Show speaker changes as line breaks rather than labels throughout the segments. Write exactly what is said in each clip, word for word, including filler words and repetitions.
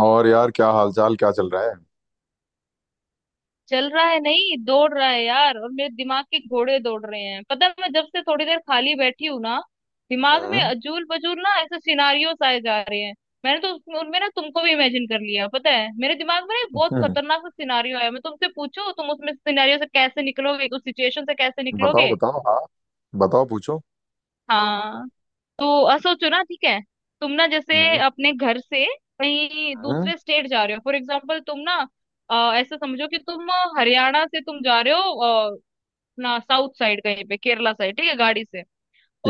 और यार क्या हालचाल, क्या चल रहा है?
चल रहा है, नहीं दौड़ रहा है यार। और मेरे दिमाग के घोड़े दौड़ रहे हैं। पता है, मैं जब से थोड़ी देर खाली बैठी हूँ ना, दिमाग में
हम्म।
अजूल पजूल ना ऐसे सिनारियोस आए जा रहे हैं। मैंने तो उसमें उनमें ना तुमको भी इमेजिन कर लिया। पता है, मेरे दिमाग में ना एक बहुत
हम्म,
खतरनाक सा सिनारियो आया। मैं तुमसे पूछूं तुम उसमें सिनारियो से कैसे निकलोगे, उस सिचुएशन से कैसे
बताओ
निकलोगे।
बताओ, हाँ। बताओ पूछो।
हाँ। तो अ, सोचो ना, ठीक है। तुम ना जैसे
हम्म।
अपने घर से कहीं
हम्म,
दूसरे स्टेट जा रहे हो, फॉर एग्जाम्पल, तुम ना अ, ऐसा समझो कि तुम अ, हरियाणा से तुम जा रहे हो अपना साउथ साइड, कहीं पे केरला साइड, ठीक है, गाड़ी से।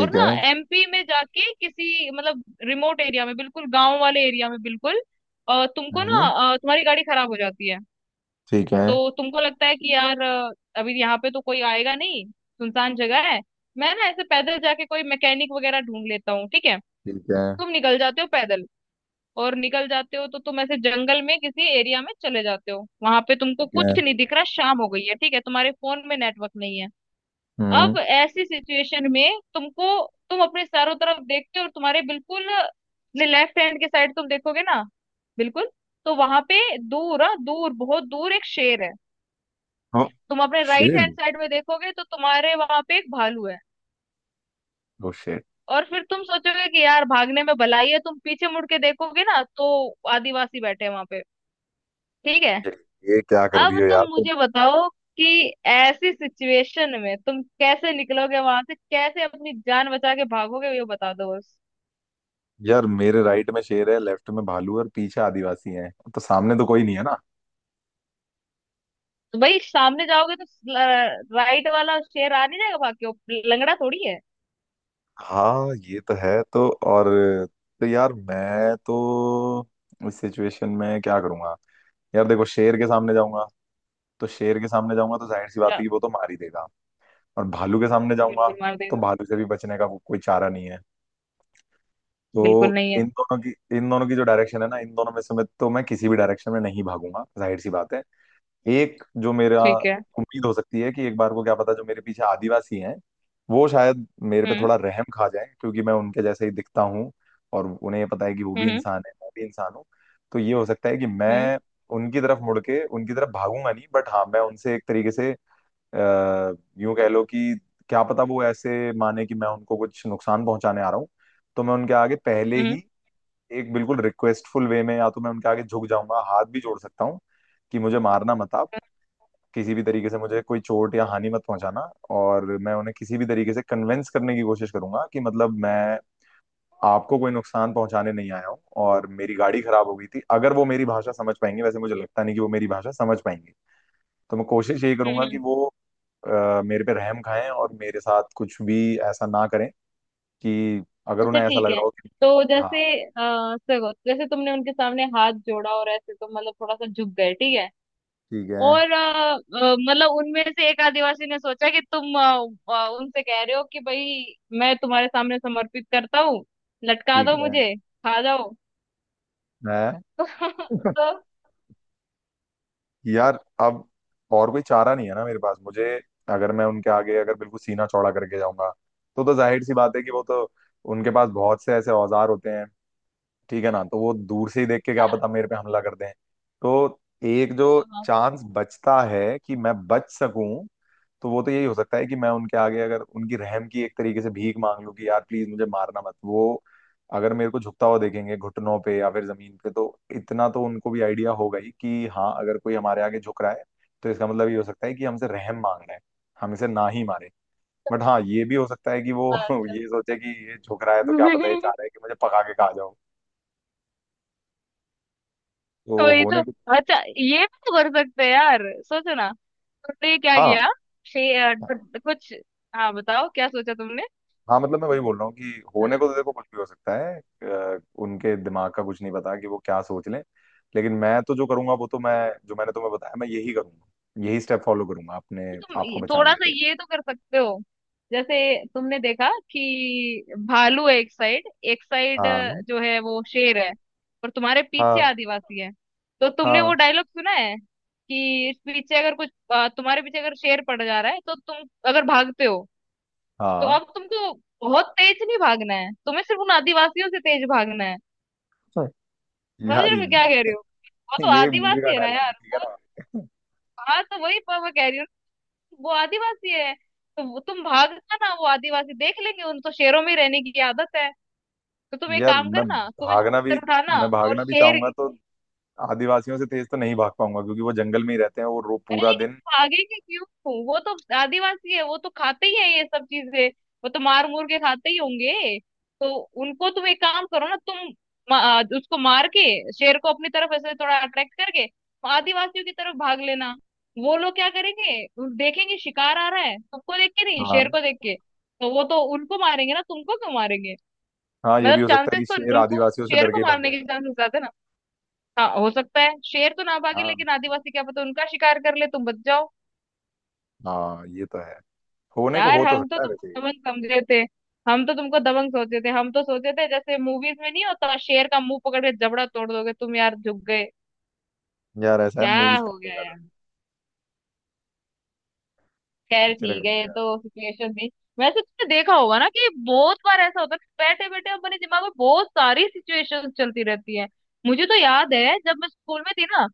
और
है।
ना एमपी में जाके किसी मतलब रिमोट एरिया में, बिल्कुल गांव वाले एरिया में, बिल्कुल अ, तुमको ना
हम्म।
अ, तुम्हारी गाड़ी खराब हो जाती है।
ठीक है।
तो तुमको लगता है कि यार अ, अभी यहाँ पे तो कोई आएगा नहीं, सुनसान जगह है। मैं ना ऐसे पैदल जाके कोई मैकेनिक वगैरह ढूंढ लेता हूँ, ठीक है।
ठीक है।
तुम निकल जाते हो पैदल और निकल जाते हो, तो तुम ऐसे जंगल में किसी एरिया में चले जाते हो। वहां पे तुमको
ठीक है।
कुछ नहीं दिख रहा, शाम हो गई है, ठीक है, तुम्हारे फोन में नेटवर्क नहीं है।
हम्म।
अब ऐसी सिचुएशन में तुमको, तुम अपने चारों तरफ देखते हो और तुम्हारे बिल्कुल लेफ्ट हैंड के साइड तुम देखोगे ना, बिल्कुल, तो वहां पे दूर, हाँ दूर, बहुत दूर एक शेर है।
हाँ,
तुम अपने राइट
शेर।
हैंड साइड में देखोगे तो तुम्हारे वहां पे एक भालू है।
ओ शेर।
और फिर तुम सोचोगे कि यार भागने में भलाई है। तुम पीछे मुड़ के देखोगे ना, तो आदिवासी बैठे हैं वहां पे, ठीक है।
ये, ये क्या कर रही
अब
हो
तुम
यार तुम?
मुझे बताओ कि ऐसी सिचुएशन में तुम कैसे निकलोगे, वहां से कैसे अपनी जान बचा के भागोगे, ये बता दो बस।
यार, मेरे राइट में शेर है, लेफ्ट में भालू है और पीछे आदिवासी हैं, तो सामने तो कोई नहीं है ना।
तो भाई सामने जाओगे तो राइट वाला शेर आ नहीं जाएगा भाग के? वो लंगड़ा थोड़ी है।
हाँ ये तो है। तो और तो यार मैं तो इस सिचुएशन में क्या करूंगा? यार देखो, शेर के सामने जाऊंगा, तो शेर के सामने जाऊंगा तो जाहिर सी बात है
जा,
कि वो तो मार ही देगा। और भालू के सामने जाऊंगा
बिल्कुल मार
तो
देगा।
भालू से भी बचने का को- कोई चारा नहीं है।
बिल्कुल
तो
नहीं है।
इन दोनों की, इन दोनों की जो डायरेक्शन है ना, इन दोनों में से मैं, तो मैं किसी भी डायरेक्शन में नहीं भागूंगा, जाहिर सी बात है। एक जो मेरा
ठीक है।
उम्मीद हो सकती है कि एक बार को, क्या पता, जो मेरे पीछे आदिवासी हैं वो शायद मेरे पे
हम्म।
थोड़ा रहम खा जाए, क्योंकि मैं उनके जैसे ही दिखता हूँ और उन्हें ये पता है कि वो भी
हम्म।
इंसान है, मैं भी इंसान हूँ। तो ये हो सकता है कि
हम्म।
मैं उनकी तरफ मुड़ के उनकी तरफ भागूंगा नहीं, बट हाँ मैं उनसे एक तरीके से अ, यूं कह लो कि, क्या पता वो ऐसे माने कि मैं उनको कुछ नुकसान पहुंचाने आ रहा हूँ, तो मैं उनके आगे पहले
हम्म।
ही एक बिल्कुल रिक्वेस्टफुल वे में या तो मैं उनके आगे झुक जाऊंगा, हाथ भी जोड़ सकता हूँ कि मुझे मारना मत आप, किसी भी तरीके से मुझे कोई चोट या हानि मत पहुंचाना। और मैं उन्हें किसी भी तरीके से कन्विंस करने की कोशिश करूंगा कि मतलब मैं आपको कोई नुकसान पहुंचाने नहीं आया हूँ और मेरी गाड़ी खराब हो गई थी। अगर वो मेरी भाषा समझ पाएंगे, वैसे मुझे लगता नहीं कि वो मेरी भाषा समझ पाएंगे, तो मैं कोशिश यही करूंगा कि
हम्म।
वो अ, मेरे पे रहम खाएं और मेरे साथ कुछ भी ऐसा ना करें कि, अगर
अच्छा,
उन्हें ऐसा
ठीक
लग
है।
रहा हो कि।
तो जैसे
हाँ।
आ, देखो, जैसे तुमने उनके सामने हाथ जोड़ा और ऐसे तो मतलब थोड़ा सा झुक गए, ठीक है।
ठीक है।
और अ, अ, मतलब उनमें से एक आदिवासी ने सोचा कि तुम अ, अ, उनसे कह रहे हो कि भाई मैं तुम्हारे सामने समर्पित करता हूँ, लटका
ठीक
दो
है,
मुझे, खा जाओ।
मैं
तो,
यार, अब और कोई चारा नहीं है ना मेरे पास। मुझे अगर मैं उनके आगे, अगर बिल्कुल सीना चौड़ा करके जाऊंगा तो तो जाहिर सी बात है कि वो तो, उनके पास बहुत से ऐसे औजार होते हैं ठीक है ना, तो वो दूर से ही देख के क्या पता मेरे पे हमला कर दें। तो एक जो
तो
चांस बचता है कि मैं बच सकूं, तो वो तो यही हो सकता है कि मैं उनके आगे, अगर उनकी रहम की एक तरीके से भीख मांग लूं कि यार प्लीज मुझे मारना मत। वो अगर मेरे को झुकता हुआ देखेंगे घुटनों पे या फिर जमीन पे, तो इतना तो उनको भी आइडिया होगा ही कि हाँ, अगर कोई हमारे आगे झुक रहा है तो इसका मतलब ये हो सकता है कि हमसे रहम मांग रहा है, हम इसे ना ही मारे। बट हाँ, ये भी हो सकता है कि वो
अच्छा।
ये सोचे कि ये झुक रहा है तो क्या पता ये चाह रहा है कि मुझे पका के खा जाओ। तो
वही
होने
तो।
को।
अच्छा, ये भी तो कर सकते हैं यार, सोचो ना। तुमने क्या
हाँ।
किया? शे- अ, ड- कुछ, हाँ बताओ क्या सोचा तुमने।
हाँ मतलब, मैं वही बोल रहा हूँ कि होने को तो देखो कुछ भी हो सकता है, अ, उनके दिमाग का कुछ नहीं पता कि वो क्या सोच लें। लेकिन मैं तो जो करूंगा वो तो मैं, जो मैंने तुम्हें बताया, मैं यही करूंगा। यही स्टेप फॉलो करूंगा अपने
तो तुम
आप को
ये-
बचाने
थोड़ा सा
के लिए।
ये तो कर सकते हो। जैसे तुमने देखा कि भालू है एक साइड, एक साइड
हाँ।
जो है वो शेर है, और तुम्हारे पीछे
हाँ।
आदिवासी है। तो तुमने
हाँ।
वो डायलॉग सुना है कि इस पीछे अगर कुछ अ, तुम्हारे पीछे अगर शेर पड़ जा रहा है तो तुम अगर भागते हो, तो
हाँ।
अब तुमको बहुत तेज नहीं भागना है, तुम्हें सिर्फ उन आदिवासियों से तेज भागना है।
हाँ।
समझ रहे
यार
हो मैं क्या
ये-
कह रही हूँ? वो तो
ये मूवी का
आदिवासी है ना
डायलॉग है
यार
ठीक है
वो।
ना।
हाँ, तो वही पर मैं कह रही हूँ, वो आदिवासी है। तो वो- तुम भागना ना वो आदिवासी देख लेंगे, उन तो शेरों में रहने की आदत है। तो तुम एक
यार
काम
मैं
करना, कुछ
भागना
पत्थर
भी,
उठाना
मैं
और
भागना भी
शेर,
चाहूंगा तो आदिवासियों से तेज तो नहीं भाग पाऊंगा, क्योंकि वो जंगल में ही रहते हैं, वो रो
अरे
पूरा
लेकिन
दिन।
भागेंगे क्यों? वो तो आदिवासी है, वो तो खाते ही है ये सब चीजें, वो तो मार मूर के खाते ही होंगे। तो उनको तुम एक काम करो ना, तुम मा- आ, उसको मार के शेर को अपनी तरफ ऐसे थोड़ा अट्रैक्ट करके आदिवासियों की तरफ भाग लेना। वो लोग क्या करेंगे? देखेंगे शिकार आ रहा है, तुमको देख के नहीं, शेर को देख के। तो वो तो उनको मारेंगे ना, तुमको क्यों मारेंगे?
हाँ, ये भी
मतलब
हो सकता है
चांसेस
कि
तो
शेर
उनको,
आदिवासियों से
शेर
डर के
को
ही भाग
मारने
जाए।
के चांसेस ज्यादा है ना। हाँ हो सकता है शेर तो ना भागे
हाँ।
लेकिन आदिवासी क्या पता उनका शिकार कर ले, तुम बच जाओ।
हाँ ये तो है, होने को
यार
हो तो
हम तो
सकता है वैसे
तुमको
ये।
दबंग समझे थे, हम तो तुमको दबंग सोचे थे। हम तो सोचे थे जैसे मूवीज में नहीं होता, शेर का मुंह पकड़ के जबड़ा तोड़ दोगे तुम, यार झुक गए।
यार ऐसा है,
क्या
मूवीज
हो
कम
गया
देखा था,
यार। खैर
पिक्चर
ठीक
कम
है, ये
देखा
तो
था।
सिचुएशन थी। वैसे तुमने देखा होगा ना कि बहुत बार ऐसा होता है, बैठे बैठे अपने दिमाग में बहुत सारी सिचुएशन चलती रहती है। मुझे तो याद है जब मैं स्कूल में थी ना,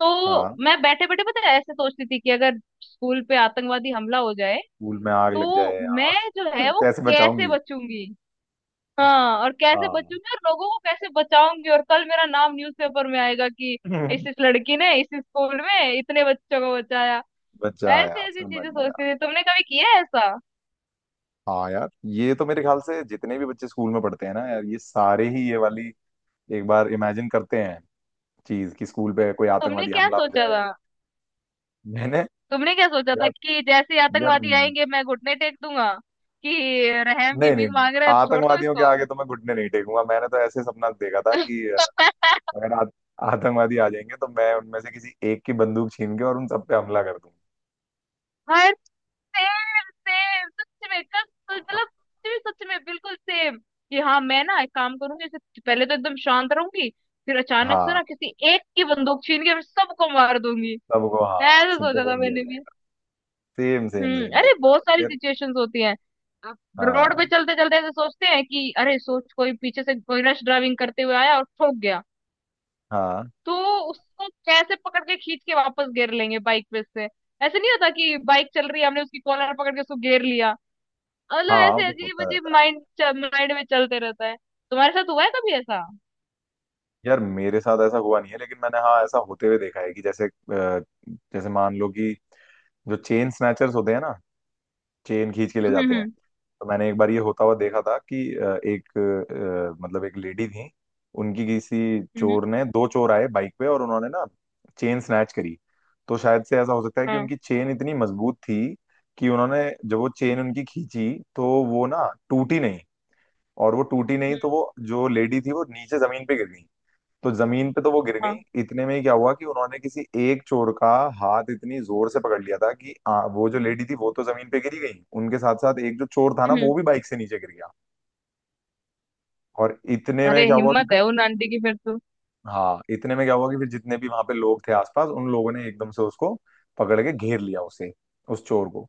तो
हाँ,
मैं बैठे बैठे, पता है, ऐसे सोचती थी कि अगर स्कूल पे आतंकवादी हमला हो जाए,
स्कूल में आग लग
तो
जाए,
मैं जो
हाँ
है वो
कैसे
कैसे
बचाऊंगी।
बचूंगी। हाँ, और कैसे
हाँ
बचूंगी और लोगों को कैसे बचाऊंगी और कल मेरा नाम न्यूज़पेपर में आएगा कि इस इस लड़की ने इस स्कूल में इतने बच्चों को बचाया। ऐसे
बचाया,
ऐसी
समझ
चीजें
गया।
सोचती थी। तुमने कभी किया है ऐसा?
हाँ यार, ये तो मेरे ख्याल से जितने भी बच्चे स्कूल में पढ़ते हैं ना यार, ये सारे ही ये वाली एक बार इमेजिन करते हैं चीज, कि स्कूल पे कोई
तुमने
आतंकवादी
क्या
हमला हो
सोचा
जाए।
था?
मैंने,
तुमने क्या सोचा था
यार,
कि जैसे ही
यार,
आतंकवादी आएंगे मैं घुटने टेक दूंगा कि रहम की
नहीं नहीं,
भीख मांग रहे हैं, छोड़ दो
आतंकवादियों के
इसको?
आगे तो मैं घुटने नहीं टेकूंगा। मैंने तो ऐसे सपना देखा था कि अ, अगर आत, आतंकवादी आ जाएंगे तो मैं उनमें से किसी एक की बंदूक छीन के और उन सब पे हमला कर
हाय, सेम। सेम, सच में, कस,
दूंगा।
मतलब सच में, सच में बिल्कुल सेम। कि हाँ मैं ना एक काम करूंगी, जैसे पहले तो एकदम शांत रहूंगी, फिर अचानक से
हाँ
ना किसी एक की बंदूक छीन के मैं सबको मार दूंगी।
सबको, हाँ
ऐसे
सबको
सोचा था
बोल दिया
मैंने भी।
जाएगा। सेम सेम
हम्म।
सेम,
अरे
यही है।
बहुत
और
सारी
फिर।
सिचुएशंस होती हैं। आप रोड पे
हाँ।
चलते चलते ऐसे सोचते हैं कि अरे सोच, कोई पीछे से कोई रश ड्राइविंग करते हुए आया और ठोक गया,
हाँ।
तो उसको कैसे पकड़ के खींच के वापस घेर लेंगे बाइक पे से। ऐसे नहीं होता कि बाइक चल रही है हमने उसकी कॉलर पकड़ के उसको घेर लिया। मतलब
हाँ वो
ऐसे
तो
अजीब
होता
अजीब
रहता है।
माइंड, माइंड में चलते रहता है। तुम्हारे साथ हुआ है कभी ऐसा?
यार मेरे साथ ऐसा हुआ नहीं है, लेकिन मैंने, हाँ, ऐसा होते हुए देखा है कि जैसे अ, जैसे मान लो कि, जो चेन स्नैचर्स होते हैं ना, चेन खींच के ले
हम्म।
जाते हैं,
हम्म।
तो मैंने एक बार ये होता हुआ देखा था कि अ, एक, अ, मतलब एक लेडी थी, उनकी किसी
हम्म।
चोर ने, दो चोर आए बाइक पे और उन्होंने ना चेन स्नैच करी। तो शायद से ऐसा हो सकता है कि
हाँ।
उनकी चेन इतनी मजबूत थी कि उन्होंने जब वो
हम्म,
चेन उनकी खींची तो वो ना, टूटी नहीं। और वो टूटी नहीं
हम्म,
तो वो जो लेडी थी वो नीचे जमीन पे गिर गई। तो जमीन पे तो वो गिर गई,
हाँ,
इतने में ही क्या हुआ कि उन्होंने किसी एक चोर का हाथ इतनी जोर से पकड़ लिया था कि आ, वो जो लेडी थी वो तो जमीन पे गिरी गई, उनके साथ साथ एक जो चोर था ना
हम्म।
वो भी बाइक से नीचे गिर गया। और इतने में
अरे
क्या हुआ कि,
हिम्मत है उन आंटी की फिर तो।
हाँ, इतने में क्या हुआ कि फिर जितने भी वहां पे लोग थे आसपास, उन लोगों ने एकदम से उसको पकड़ के घेर लिया उसे, उस चोर को।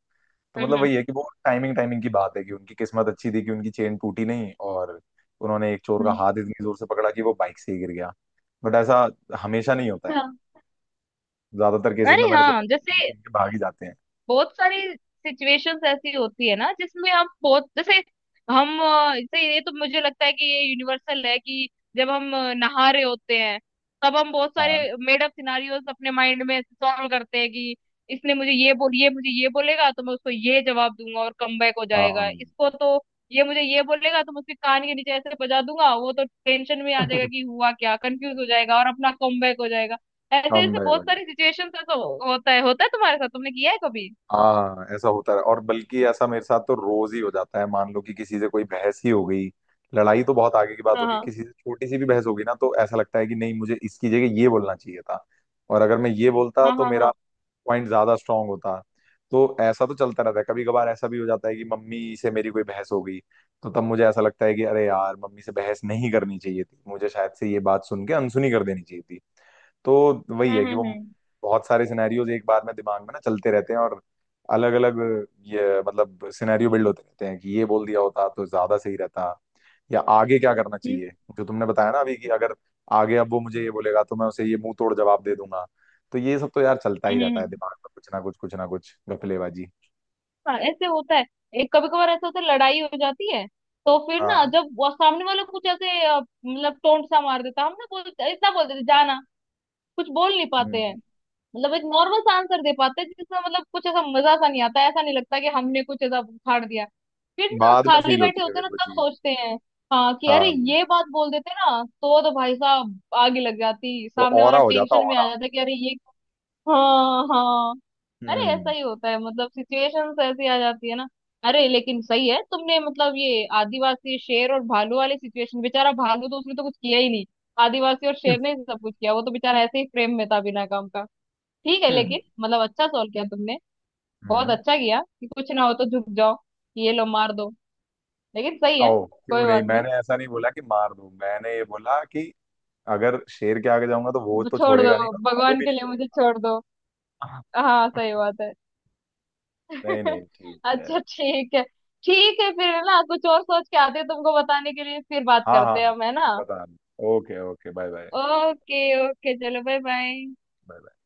तो मतलब
हम्म।
वही है कि वो टाइमिंग, टाइमिंग की बात है कि उनकी किस्मत अच्छी थी कि उनकी चेन टूटी नहीं, और उन्होंने एक चोर का
हम्म।
हाथ इतनी जोर से पकड़ा कि वो बाइक से ही गिर गया। बट ऐसा हमेशा नहीं होता है,
हाँ।
ज्यादातर केसेस में
अरे
मैंने
हाँ,
सुना है
जैसे
कि इनके भाग ही जाते हैं।
बहुत सारी सिचुएशंस ऐसी होती है ना जिसमें हम, बहुत जैसे, हम अ, जैसे ये तो मुझे लगता है कि ये यूनिवर्सल है कि जब हम अ, नहा रहे होते हैं, तब हम बहुत सारे
हाँ।
मेड अप सिनारियोस अपने माइंड में सॉल्व करते हैं कि इसने मुझे ये बोल, ये मुझे ये बोलेगा तो मैं उसको ये जवाब दूंगा और कमबैक हो जाएगा
हाँ
इसको तो। ये मुझे ये बोलेगा तो मैं उसके कान के नीचे ऐसे बजा दूंगा, वो तो टेंशन में आ जाएगा कि हुआ क्या, कंफ्यूज हो जाएगा और अपना कमबैक हो जाएगा। ऐसे
कम
ऐसे
बैक
बहुत
हो जाए।
सारी सिचुएशंस, ऐसा हो- होता है, होता है तुम्हारे साथ, तुमने किया है कभी?
हाँ ऐसा होता है, और बल्कि ऐसा मेरे साथ तो रोज ही हो जाता है। मान लो कि किसी से कोई बहस ही हो गई, लड़ाई तो बहुत आगे की बात
हाँ
होगी,
हाँ
किसी से छोटी सी भी बहस होगी ना, तो ऐसा लगता है कि नहीं, मुझे इसकी जगह ये बोलना चाहिए था, और अगर मैं ये बोलता
हाँ,
तो
हाँ
मेरा
हाँ।
पॉइंट ज्यादा स्ट्रांग होता। तो ऐसा तो चलता रहता है। कभी कभार ऐसा भी हो जाता है कि मम्मी से मेरी कोई बहस हो गई, तो तब मुझे ऐसा लगता है कि अरे यार, मम्मी से बहस नहीं करनी चाहिए थी, मुझे शायद से ये बात सुन के अनसुनी कर देनी चाहिए थी। तो वही है
हम्म।
कि वो
हम्म।
बहुत सारे सिनेरियोज एक बार में दिमाग में ना चलते रहते हैं, और अलग अलग, ये मतलब सिनेरियो बिल्ड होते रहते हैं कि ये बोल दिया होता तो ज्यादा सही रहता, या आगे क्या करना
हम्म।
चाहिए। जो तुमने बताया ना अभी कि अगर आगे, अब वो मुझे ये बोलेगा तो मैं उसे ये मुंह तोड़ जवाब दे दूंगा। तो ये सब तो यार चलता ही
हम्म, हम्म,
रहता है
हम्म।
दिमाग में, कुछ ना कुछ, कुछ ना कुछ घपलेबाजी।
हाँ ऐसे होता है। एक कभी कभार ऐसा होता है, लड़ाई हो जाती है, तो फिर ना
हाँ।
जब वो सामने वाला कुछ ऐसे अ, मतलब टोंट सा मार देता है, हम ना बोलते इतना बोल देते जाना, कुछ बोल नहीं पाते हैं।
हम्म।
मतलब एक नॉर्मल सा आंसर दे पाते हैं जिसमें मतलब कुछ ऐसा मजा सा नहीं आता, ऐसा नहीं लगता कि हमने कुछ ऐसा उखाड़ दिया। फिर ना
बाद में
खाली
फील
बैठे
होती है
होते हैं
फिर
ना,
वो
तब
चीज।
सोचते हैं हाँ कि अरे
हाँ,
ये बात बोल देते ना तो तो भाई साहब आग ही लग जाती,
तो
सामने वाला
औरा हो जाता
टेंशन में आ
औरा।
जाता है कि अरे ये। हाँ हाँ। अरे ऐसा
हम्म।
ही होता है, मतलब सिचुएशंस ऐसी आ जाती है ना। अरे लेकिन सही है तुमने, मतलब ये आदिवासी, शेर और भालू वाली सिचुएशन, बेचारा भालू तो उसने तो कुछ किया ही नहीं, आदिवासी और शेर ने ही सब कुछ किया। वो तो बेचारा ऐसे ही फ्रेम में था बिना काम का। ठीक है,
हम्म।
लेकिन मतलब अच्छा सॉल्व किया तुमने। बहुत
हम्म।
अच्छा किया कि कुछ ना हो तो झुक जाओ कि ये लो, मार दो। लेकिन सही है।
ओ क्यों
कोई
नहीं,
बात नहीं,
मैंने ऐसा नहीं बोला कि मार दूं। मैंने ये बोला कि अगर शेर के आगे जाऊंगा तो वो तो
छोड़ दो
छोड़ेगा नहीं, और भालू
भगवान
भी
के
नहीं
लिए, मुझे
छोड़ेगा।
छोड़ दो।
हाँ।
हाँ सही बात है।
नहीं नहीं, ठीक है।
अच्छा ठीक है। ठीक है, फिर ना कुछ और सोच के आते हैं तुमको बताने के लिए, फिर बात
हाँ हाँ।
करते हैं हम, है ना।
बता। Okay okay, bye bye.
Okay okay, चलो बाय बाय।
बाय।